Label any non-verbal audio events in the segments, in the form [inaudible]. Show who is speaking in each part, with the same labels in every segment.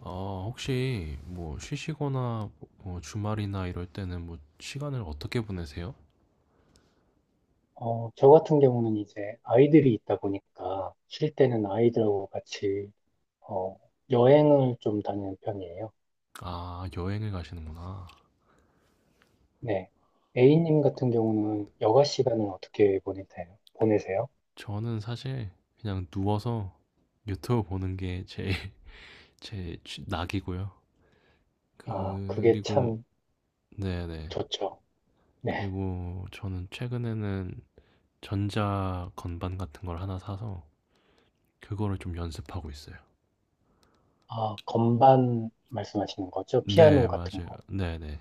Speaker 1: 아, 혹시 뭐 쉬시거나 뭐 주말이나 이럴 때는 뭐 시간을 어떻게 보내세요?
Speaker 2: 어, 저 같은 경우는 이제 아이들이 있다 보니까 쉴 때는 아이들하고 같이 어, 여행을 좀 다니는 편이에요.
Speaker 1: 아, 여행을 가시는구나.
Speaker 2: 네. A님 같은 경우는 여가 시간을 어떻게 보내세요?
Speaker 1: 저는 사실 그냥 누워서 유튜브 보는 게 제일 [laughs] 제 낙이고요.
Speaker 2: 아,
Speaker 1: 그,
Speaker 2: 그게
Speaker 1: 그리고
Speaker 2: 참
Speaker 1: 네네.
Speaker 2: 좋죠. 네.
Speaker 1: 그리고 저는 최근에는 전자 건반 같은 걸 하나 사서 그거를 좀 연습하고 있어요.
Speaker 2: 아, 건반 말씀하시는 거죠? 피아노
Speaker 1: 네,
Speaker 2: 같은
Speaker 1: 맞아요.
Speaker 2: 거.
Speaker 1: 네네.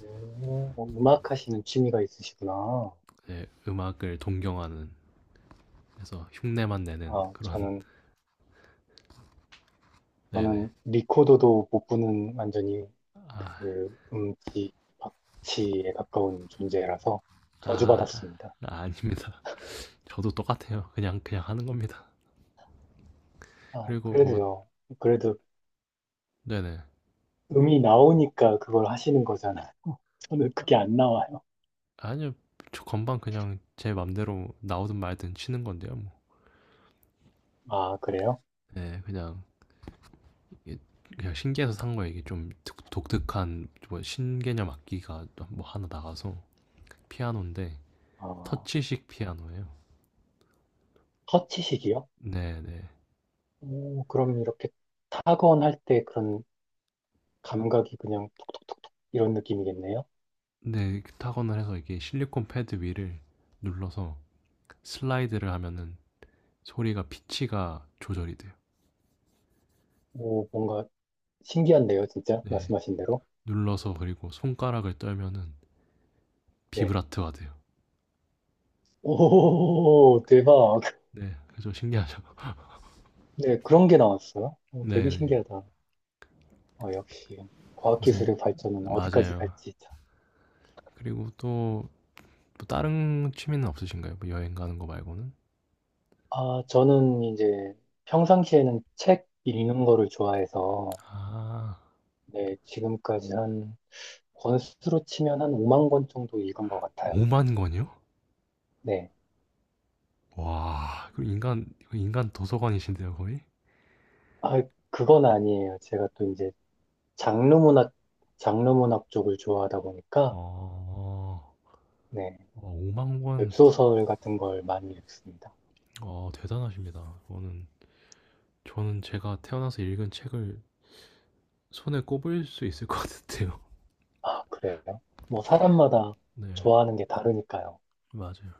Speaker 2: 오, 음악 하시는 취미가 있으시구나.
Speaker 1: 네, 음악을 동경하는 그래서 흉내만 내는
Speaker 2: 아,
Speaker 1: 그런
Speaker 2: 저는
Speaker 1: [laughs] 네네.
Speaker 2: 저는 리코더도 못 부는 완전히
Speaker 1: 아,
Speaker 2: 그 음치, 박치에 가까운 존재라서
Speaker 1: 아,
Speaker 2: 저주받았습니다.
Speaker 1: 아닙니다. 저도 똑같아요. 그냥 하는 겁니다.
Speaker 2: 아,
Speaker 1: 그리고 뭐,
Speaker 2: 그래도요. 그래도
Speaker 1: 네네.
Speaker 2: 음이 나오니까 그걸 하시는 거잖아요. [laughs] 저는 그게
Speaker 1: 아,
Speaker 2: 안 나와요.
Speaker 1: 아니요. 저 건반 그냥 제 맘대로 나오든 말든 치는 건데요, 뭐.
Speaker 2: 아, 그래요?
Speaker 1: 네, 그냥, 이게 그냥 신기해서 산 거예요. 이게 좀 독특한, 뭐, 신개념 악기가 뭐 하나 나가서 피아노인데,
Speaker 2: 어,
Speaker 1: 터치식 피아노예요.
Speaker 2: 터치식이요?
Speaker 1: 네네.
Speaker 2: 오, 그럼 이렇게 타건할 때 그런 감각이 그냥 톡톡톡톡 이런 느낌이겠네요?
Speaker 1: 네, 네, 타건을 해서 이게 실리콘 패드 위를 눌러서 슬라이드를 하면은 소리가 피치가 조절이 돼요.
Speaker 2: 오, 뭔가 신기한데요, 진짜?
Speaker 1: 네.
Speaker 2: 말씀하신 대로?
Speaker 1: 눌러서 그리고 손가락을 떨면은
Speaker 2: 네.
Speaker 1: 비브라트가 돼요.
Speaker 2: 오, 대박.
Speaker 1: 네, 그죠 신기하죠. [laughs]
Speaker 2: 네, 그런 게 나왔어요. 어, 되게
Speaker 1: 네,
Speaker 2: 신기하다. 어, 역시
Speaker 1: 요새
Speaker 2: 과학기술의 발전은 어디까지
Speaker 1: 맞아요.
Speaker 2: 갈지. 참.
Speaker 1: 그리고 또뭐 다른 취미는 없으신가요? 뭐 여행 가는 거 말고는?
Speaker 2: 아, 저는 이제 평상시에는 책 읽는 거를 좋아해서
Speaker 1: 아,
Speaker 2: 네, 지금까지 한 권수로 치면 한 5만 권 정도 읽은 것 같아요.
Speaker 1: 5만 권이요?
Speaker 2: 네.
Speaker 1: 와, 그 인간 도서관이신데요 거의?
Speaker 2: 아, 그건 아니에요. 제가 또 이제 장르 문학, 장르 문학 쪽을 좋아하다 보니까
Speaker 1: 어,
Speaker 2: 네,
Speaker 1: 5만 권,
Speaker 2: 웹소설 같은 걸 많이 읽습니다.
Speaker 1: 대단하십니다. 저는 제가 태어나서 읽은 책을 손에 꼽을 수 있을 것 같은데요.
Speaker 2: 아, 그래요? 뭐 사람마다
Speaker 1: [laughs] 네,
Speaker 2: 좋아하는 게 다르니까요.
Speaker 1: 맞아요.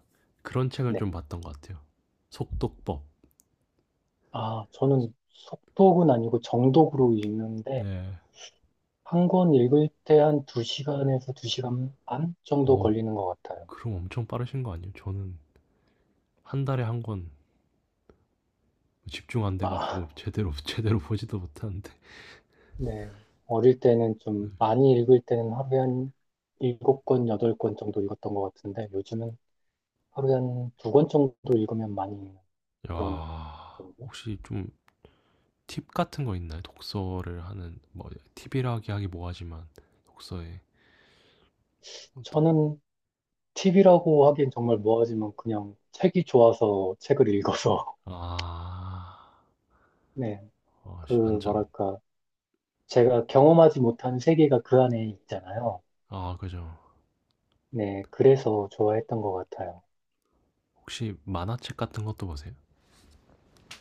Speaker 1: 그런 책은
Speaker 2: 네.
Speaker 1: 좀 봤던 것 같아요. 속독법.
Speaker 2: 아, 저는 속독은 아니고 정독으로 읽는데,
Speaker 1: 네.
Speaker 2: 한 권 읽을 때 한 두시간에서두시간반 정도
Speaker 1: 어우
Speaker 2: 걸리는 것 같아요.
Speaker 1: 그럼 엄청 빠르신 거 아니에요? 저는 한 달에 한 권 집중 안 돼
Speaker 2: 아,
Speaker 1: 가지고 제대로 [laughs] 제대로 보지도 못하는데.
Speaker 2: 네. 어릴 때는
Speaker 1: 네.
Speaker 2: 좀 많이 읽을 때는 하루에 한 일곱 권 여덟 권 정도 읽었던 것 같은데, 요즘은 하루에 한 두 권 정도 읽으면 많이 읽는 그런
Speaker 1: 야.
Speaker 2: 정도?
Speaker 1: 혹시 좀 팁 같은 거 있나요? 독서를 하는 뭐 팁이라기 하기 뭐하지만 독서에 어떤
Speaker 2: 저는 팁이라고 하기엔 정말 뭐하지만 그냥 책이 좋아서 책을 읽어서,
Speaker 1: 아.
Speaker 2: [laughs] 네.
Speaker 1: 어
Speaker 2: 그,
Speaker 1: 씨 완전
Speaker 2: 뭐랄까. 제가 경험하지 못한 세계가 그 안에 있잖아요.
Speaker 1: 아 그죠.
Speaker 2: 네, 그래서 좋아했던 것 같아요.
Speaker 1: 혹시 만화책 같은 것도 보세요?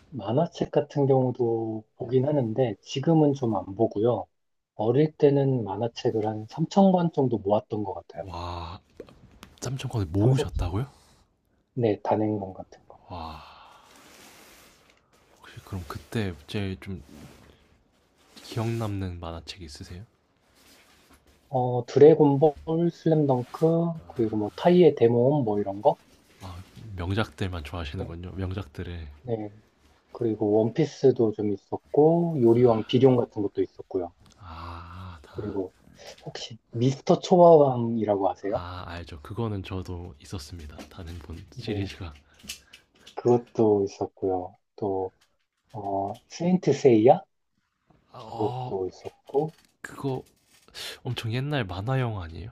Speaker 2: 만화책 같은 경우도 보긴 하는데 지금은 좀 안 보고요. 어릴 때는 만화책을 한 3천 권 정도 모았던 것 같아요.
Speaker 1: 와3천 권을
Speaker 2: 3, 4,
Speaker 1: 모으셨다고요?
Speaker 2: 네, 단행본 같은 거.
Speaker 1: 와. 혹시 그럼 그때 제일 좀 기억 남는 만화책 있으세요?
Speaker 2: 어, 드래곤볼, 슬램덩크, 그리고 뭐 타이의 데모음 뭐 이런 거.
Speaker 1: 명작들만
Speaker 2: 그리-
Speaker 1: 좋아하시는군요. 명작들의
Speaker 2: 네, 그리고 원피스도 좀 있었고 요리왕 비룡 같은 것도 있었고요.
Speaker 1: 아, 다.
Speaker 2: 그리고 혹시 미스터 초밥왕이라고 아세요?
Speaker 1: 아, 알죠. 그거는 저도 있었습니다. 단행본
Speaker 2: 네.
Speaker 1: 시리즈가.
Speaker 2: 그것도 있었고요. 또, 어, 세인트 세이야?
Speaker 1: 아, 어,
Speaker 2: 그것도 있었고,
Speaker 1: 그거 엄청 옛날 만화 영화 아니에요?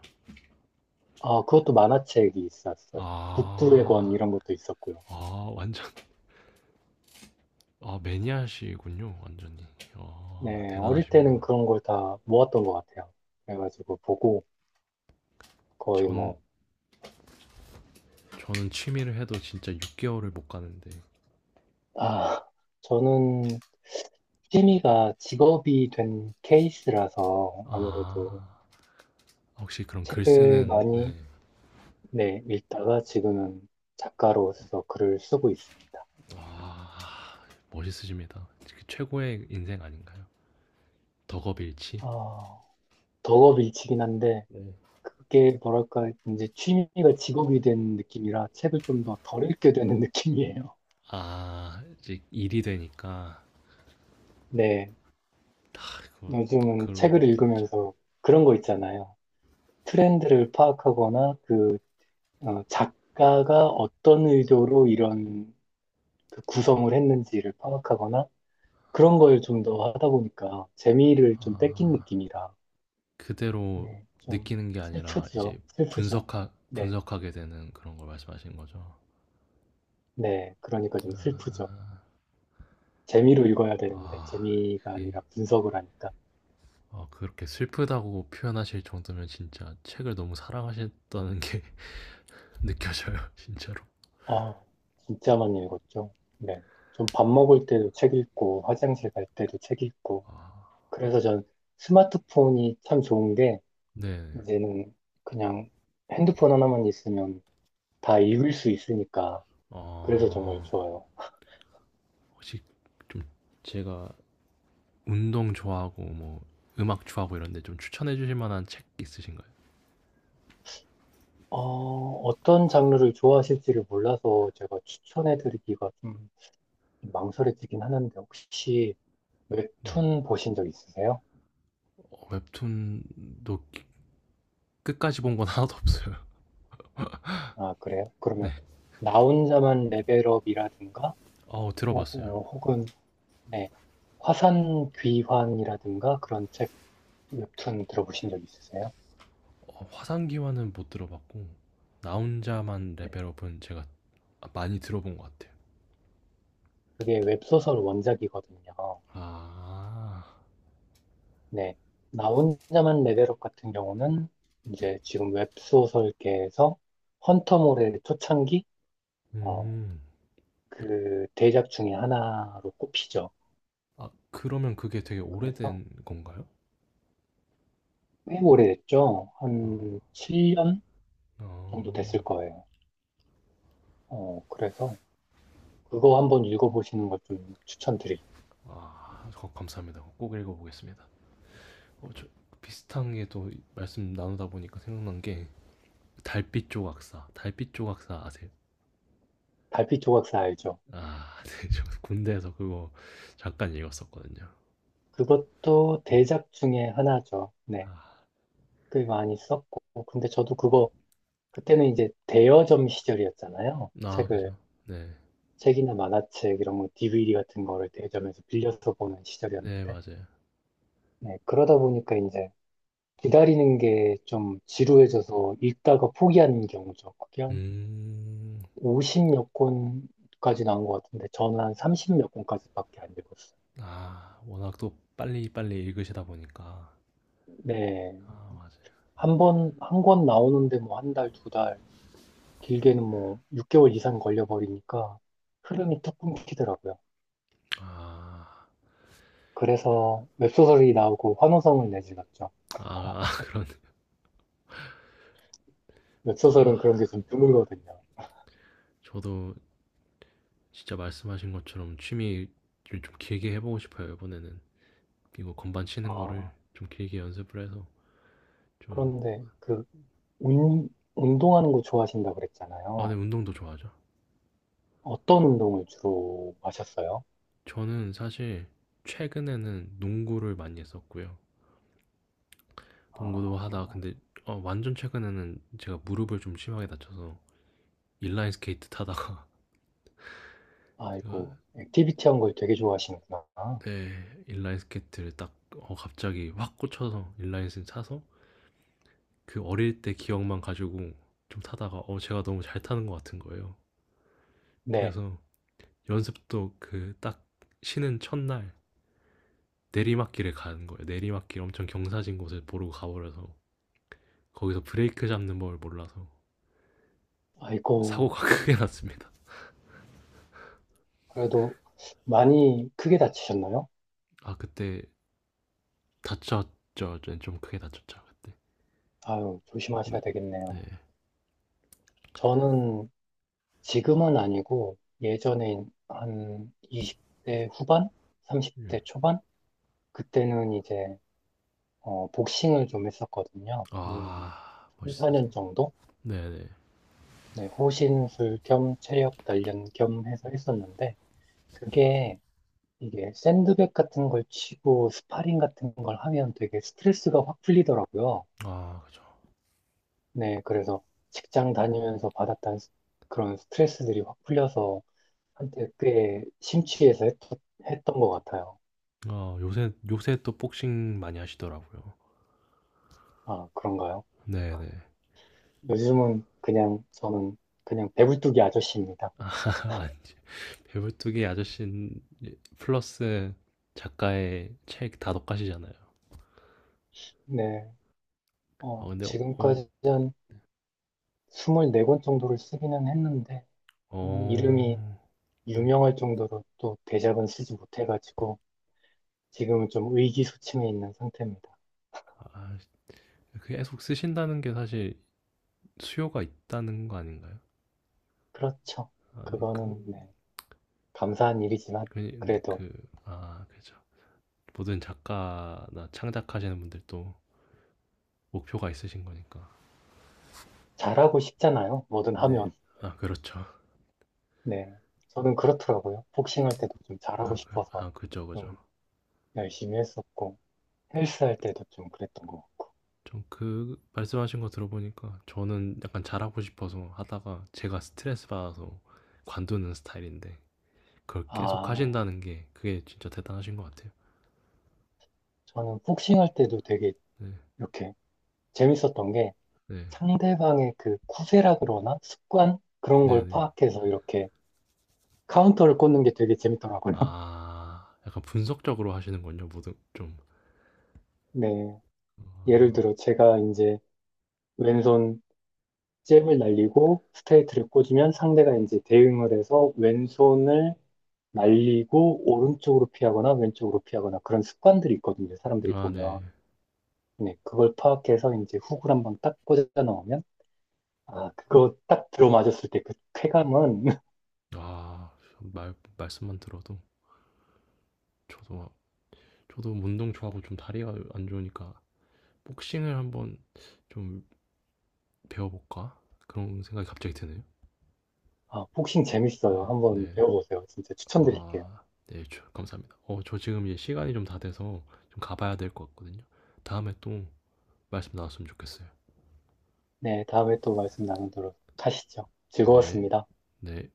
Speaker 2: 어 그것도 만화책이 있었어요. 북두의 권
Speaker 1: 아,
Speaker 2: 이런 것도 있었고요.
Speaker 1: 아, 완전 아, 매니아시군요. 완전히. 아,
Speaker 2: 네, 어릴
Speaker 1: 대단하십니다.
Speaker 2: 때는 그런 걸 다 모았던 것 같아요. 그래가지고 보고 거의
Speaker 1: 전
Speaker 2: 뭐,
Speaker 1: 저는 취미를 해도 진짜 6개월을 못 가는데.
Speaker 2: 아, 저는 취미가 직업이 된 케이스라서 아무래도
Speaker 1: 아, 혹시 그럼 글
Speaker 2: 책을
Speaker 1: 쓰는
Speaker 2: 많이,
Speaker 1: 네.
Speaker 2: 네, 읽다가 지금은 작가로서 글을 쓰고 있습니다.
Speaker 1: 아, 멋있으십니다. 그 최고의 인생 아닌가요? 덕업일치.
Speaker 2: 아, 덕업일치긴 한데, 그게 뭐랄까, 이제 취미가 직업이 된 느낌이라 책을 좀 더 덜 읽게 되는 [laughs] 느낌이에요.
Speaker 1: 아, 이제 일이 되니까
Speaker 2: 네.
Speaker 1: 아이고,
Speaker 2: 요즘은
Speaker 1: 그런
Speaker 2: 책을
Speaker 1: 것도 있죠.
Speaker 2: 읽으면서 그런 거 있잖아요. 트렌드를 파악하거나 그 어, 작가가 어떤 의도로 이런 그 구성을 했는지를 파악하거나 그런 걸 좀 더 하다 보니까 재미를 좀 뺏긴
Speaker 1: 아,
Speaker 2: 느낌이라.
Speaker 1: 그대로
Speaker 2: 네. 좀
Speaker 1: 느끼는 게 아니라
Speaker 2: 슬프죠.
Speaker 1: 이제
Speaker 2: 슬프죠. 네.
Speaker 1: 분석하게 되는 그런 걸 말씀하시는 거죠.
Speaker 2: 네. 그러니까 좀 슬프죠. 재미로 읽어야 되는데
Speaker 1: 아,
Speaker 2: 재미가
Speaker 1: 그게
Speaker 2: 아니라 분석을 하니까.
Speaker 1: 아, 그렇게 슬프다고 표현하실 정도면 진짜 책을 너무 사랑하셨다는 게 [laughs] 느껴져요, 진짜로.
Speaker 2: 아, 진짜 많이 읽었죠. 네. 좀 밥 먹을 때도 책 읽고, 화장실 갈 때도 책 읽고.
Speaker 1: 아,
Speaker 2: 그래서 전 스마트폰이 참 좋은 게,
Speaker 1: 네.
Speaker 2: 이제는 그냥 핸드폰 하나만 있으면 다 읽을 수 있으니까. 그래서 정말
Speaker 1: 아,
Speaker 2: 좋아요.
Speaker 1: 혹시 좀 제가 운동 좋아하고 뭐 음악 좋아하고 이런데 좀 추천해 주실 만한 책 있으신가요?
Speaker 2: 어, 어떤 장르를 좋아하실지를 몰라서 제가 추천해드리기가 좀 망설여지긴 하는데, 혹시
Speaker 1: 네.
Speaker 2: 웹툰 보신 적 있으세요?
Speaker 1: 어, 웹툰도 끝까지 본 건 하나도 없어요. [laughs]
Speaker 2: 아, 그래요?
Speaker 1: 네.
Speaker 2: 그러면, 나 혼자만 레벨업이라든가,
Speaker 1: 어,
Speaker 2: 어,
Speaker 1: 들어봤어요.
Speaker 2: 어, 혹은 네, 화산 귀환이라든가 그런 책 웹툰 들어보신 적 있으세요?
Speaker 1: 어, 화상기와는 못 들어봤고 나 혼자만
Speaker 2: 네,
Speaker 1: 레벨업은 제가 많이 들어본 것 같아요.
Speaker 2: 그게 웹소설 원작이거든요.
Speaker 1: 아,
Speaker 2: 네, 나 혼자만 레벨업 같은 경우는 이제 지금 웹소설계에서 헌터몰의 초창기 어,
Speaker 1: 음.
Speaker 2: 그 대작 중에 하나로 꼽히죠.
Speaker 1: 아, 그러면 그게 되게
Speaker 2: 그래서
Speaker 1: 오래된 건가요?
Speaker 2: 꽤 오래됐죠.
Speaker 1: 어,
Speaker 2: 한 7년 정도
Speaker 1: 어.
Speaker 2: 됐을 거예요. 어, 그래서 그거 한번 읽어보시는 걸 좀 추천드릴게요.
Speaker 1: 아, 감사합니다. 꼭 읽어보겠습니다. 어, 저 비슷한 게 또 말씀 나누다 보니까 생각난 게 달빛 조각사 아세요?
Speaker 2: 달빛 조각사 알죠?
Speaker 1: 아, [laughs] 네, 저 군대에서 그거 잠깐 읽었었거든요.
Speaker 2: 그것도 대작 중에 하나죠.
Speaker 1: 아,
Speaker 2: 네. 꽤 많이 썼고. 근데 저도 그거, 그때는 이제 대여점 시절이었잖아요.
Speaker 1: 아,
Speaker 2: 책을,
Speaker 1: 그죠. 네,
Speaker 2: 책이나 만화책, 이런 거, DVD 같은 거를 대여점에서 빌려서 보는
Speaker 1: 네,
Speaker 2: 시절이었는데.
Speaker 1: 맞아요.
Speaker 2: 네. 그러다 보니까 이제 기다리는 게 좀 지루해져서 읽다가 포기하는 경우죠. 그게 한
Speaker 1: 음,
Speaker 2: 50몇 권까지 나온 것 같은데, 저는 한 30몇 권까지밖에 안 읽었어요.
Speaker 1: 아, 워낙 또 빨리빨리 읽으시다 보니까.
Speaker 2: 네.
Speaker 1: 아, 맞아요.
Speaker 2: 한 번, 한 권 나오는데 뭐 한 달, 두 달, 길게는 뭐 6개월 이상 걸려버리니까 흐름이 뚝 끊기더라고요.
Speaker 1: 아,
Speaker 2: 그래서 웹소설이 나오고 환호성을 내질렀죠.
Speaker 1: 아 [laughs] 그런, 또, 와,
Speaker 2: 웹소설은 그런 게 좀 드물거든요.
Speaker 1: 저도 진짜 말씀하신 것처럼 취미를 좀 길게 해보고 싶어요, 이번에는. 이거 건반 치는 거를
Speaker 2: 아,
Speaker 1: 좀 길게 연습을 해서 좀,
Speaker 2: 그런데 그 운, 운동하는 거 좋아하신다고
Speaker 1: 아, 네,
Speaker 2: 그랬잖아요.
Speaker 1: 운동도 좋아하죠.
Speaker 2: 어떤 운동을 주로 하셨어요?
Speaker 1: 저는 사실 최근에는 농구를 많이 했었고요. 농구도 하다가
Speaker 2: 아,
Speaker 1: 근데 어, 완전 최근에는 제가 무릎을 좀 심하게 다쳐서 인라인 스케이트 타다가 [laughs] 제가
Speaker 2: 아이고, 액티비티 한 걸 되게 좋아하시는구나.
Speaker 1: 네, 인라인 스케이트를 딱 갑자기 확 꽂혀서 인라인 스케이트 타서 그 어릴 때 기억만 가지고 좀 타다가 제가 너무 잘 타는 것 같은 거예요.
Speaker 2: 네,
Speaker 1: 그래서 연습도 그 딱 쉬는 첫날 내리막길에 가는 거예요. 내리막길 엄청 경사진 곳에 보러 가버려서 거기서 브레이크 잡는 법을 몰라서
Speaker 2: 아이고,
Speaker 1: 사고가 [laughs] 크게 났습니다.
Speaker 2: 그래도 많이 크게 다치셨나요?
Speaker 1: 아 그때 다쳤죠. 좀 크게 다쳤죠 그때.
Speaker 2: 아유,
Speaker 1: 네,
Speaker 2: 조심하셔야
Speaker 1: 네.
Speaker 2: 되겠네요. 저는 지금은 아니고 예전에 한 20대 후반,
Speaker 1: 예.
Speaker 2: 30대 초반 그때는 이제 어, 복싱을 좀 했었거든요. 한
Speaker 1: 아
Speaker 2: 삼, 4년
Speaker 1: 멋있으시네.
Speaker 2: 정도?
Speaker 1: 네, 네.
Speaker 2: 네, 호신술 겸 체력 단련 겸 해서 했었는데 그게 이게 샌드백 같은 걸 치고 스파링 같은 걸 하면 되게 스트레스가 확 풀리더라고요.
Speaker 1: 아 그죠.
Speaker 2: 네, 그래서 직장 다니면서 받았던 그런 스트레스들이 확 풀려서 한때 꽤 심취해서 했던 것 같아요.
Speaker 1: 아 요새 또 복싱 많이 하시더라고요.
Speaker 2: 아, 그런가요?
Speaker 1: 네, 네.
Speaker 2: 요즘은 그냥 저는 그냥 배불뚝이 아저씨입니다.
Speaker 1: [laughs] 아 아니지. 배불뚝이 아저씨 플러스 작가의 책 다독가시잖아요
Speaker 2: 네.
Speaker 1: 아
Speaker 2: 어,
Speaker 1: 근데
Speaker 2: 지금까지 한 24권 정도를 쓰기는 했는데 이름이
Speaker 1: 어 네.
Speaker 2: 유명할 정도로 또 대작은 쓰지 못해가지고 지금은 좀 의기소침해 있는 상태입니다.
Speaker 1: 아, 계속 쓰신다는 게 사실 수요가 있다는 거 아닌가요?
Speaker 2: 그렇죠.
Speaker 1: 아, 네, 그
Speaker 2: 그거는 네, 감사한 일이지만
Speaker 1: 근데
Speaker 2: 그래도
Speaker 1: 그, 아, 그죠. 모든 작가나 창작하시는 분들도 목표가 있으신 거니까.
Speaker 2: 잘하고 싶잖아요. 뭐든
Speaker 1: 네.
Speaker 2: 하면.
Speaker 1: 아, 그렇죠.
Speaker 2: 네. 저는 그렇더라고요. 복싱할 때도 좀 잘하고
Speaker 1: 아, 그,
Speaker 2: 싶어서
Speaker 1: 아, 그죠, 그죠.
Speaker 2: 좀 열심히 했었고. 헬스 할 때도 좀 그랬던 것 같고.
Speaker 1: 좀 그, 말씀하신 거 들어보니까 저는 약간 잘하고 싶어서 하다가 제가 스트레스 받아서 관두는 스타일인데 그걸 계속
Speaker 2: 아,
Speaker 1: 하신다는 게 그게 진짜 대단하신 것 같아요.
Speaker 2: 저는 복싱 할 때도 되게
Speaker 1: 네,
Speaker 2: 이렇게 재밌었던 게
Speaker 1: 네,
Speaker 2: 상대방의 그 쿠세라 그러나 습관? 그런
Speaker 1: 네,
Speaker 2: 걸
Speaker 1: 네.
Speaker 2: 파악해서 이렇게 카운터를 꽂는 게 되게 재밌더라고요. [laughs]
Speaker 1: 아, 약간 분석적으로 하시는군요, 모든, 좀.
Speaker 2: 네. 예를
Speaker 1: 아,
Speaker 2: 들어 제가 이제 왼손 잽을 날리고 스트레이트를 꽂으면 상대가 이제 대응을 해서 왼손을 날리고 오른쪽으로 피하거나 왼쪽으로 피하거나 그런 습관들이 있거든요. 사람들이
Speaker 1: 아, 네.
Speaker 2: 보면. 네, 그걸 파악해서 이제 훅을 한번 딱 꽂아 넣으면, 아, 그거 딱 들어맞았을 때 그 쾌감은, [laughs]
Speaker 1: 아, 말씀만 들어도 저도 저도 운동 좋아하고 좀 다리가 안 좋으니까 복싱을 한번 좀 배워볼까 그런 생각이 갑자기 드네요.
Speaker 2: 아, 복싱
Speaker 1: 네,
Speaker 2: 재밌어요. 한번
Speaker 1: 네,
Speaker 2: 배워보세요. 진짜 추천드릴게요.
Speaker 1: 아, 네, 감사합니다. 어, 저 지금 이제 시간이 좀 다 돼서 좀 가봐야 될 것 같거든요. 다음에 또 말씀 나왔으면 좋겠어요.
Speaker 2: 네, 다음에 또 말씀 나누도록 하시죠.
Speaker 1: 네,
Speaker 2: 즐거웠습니다.
Speaker 1: 네.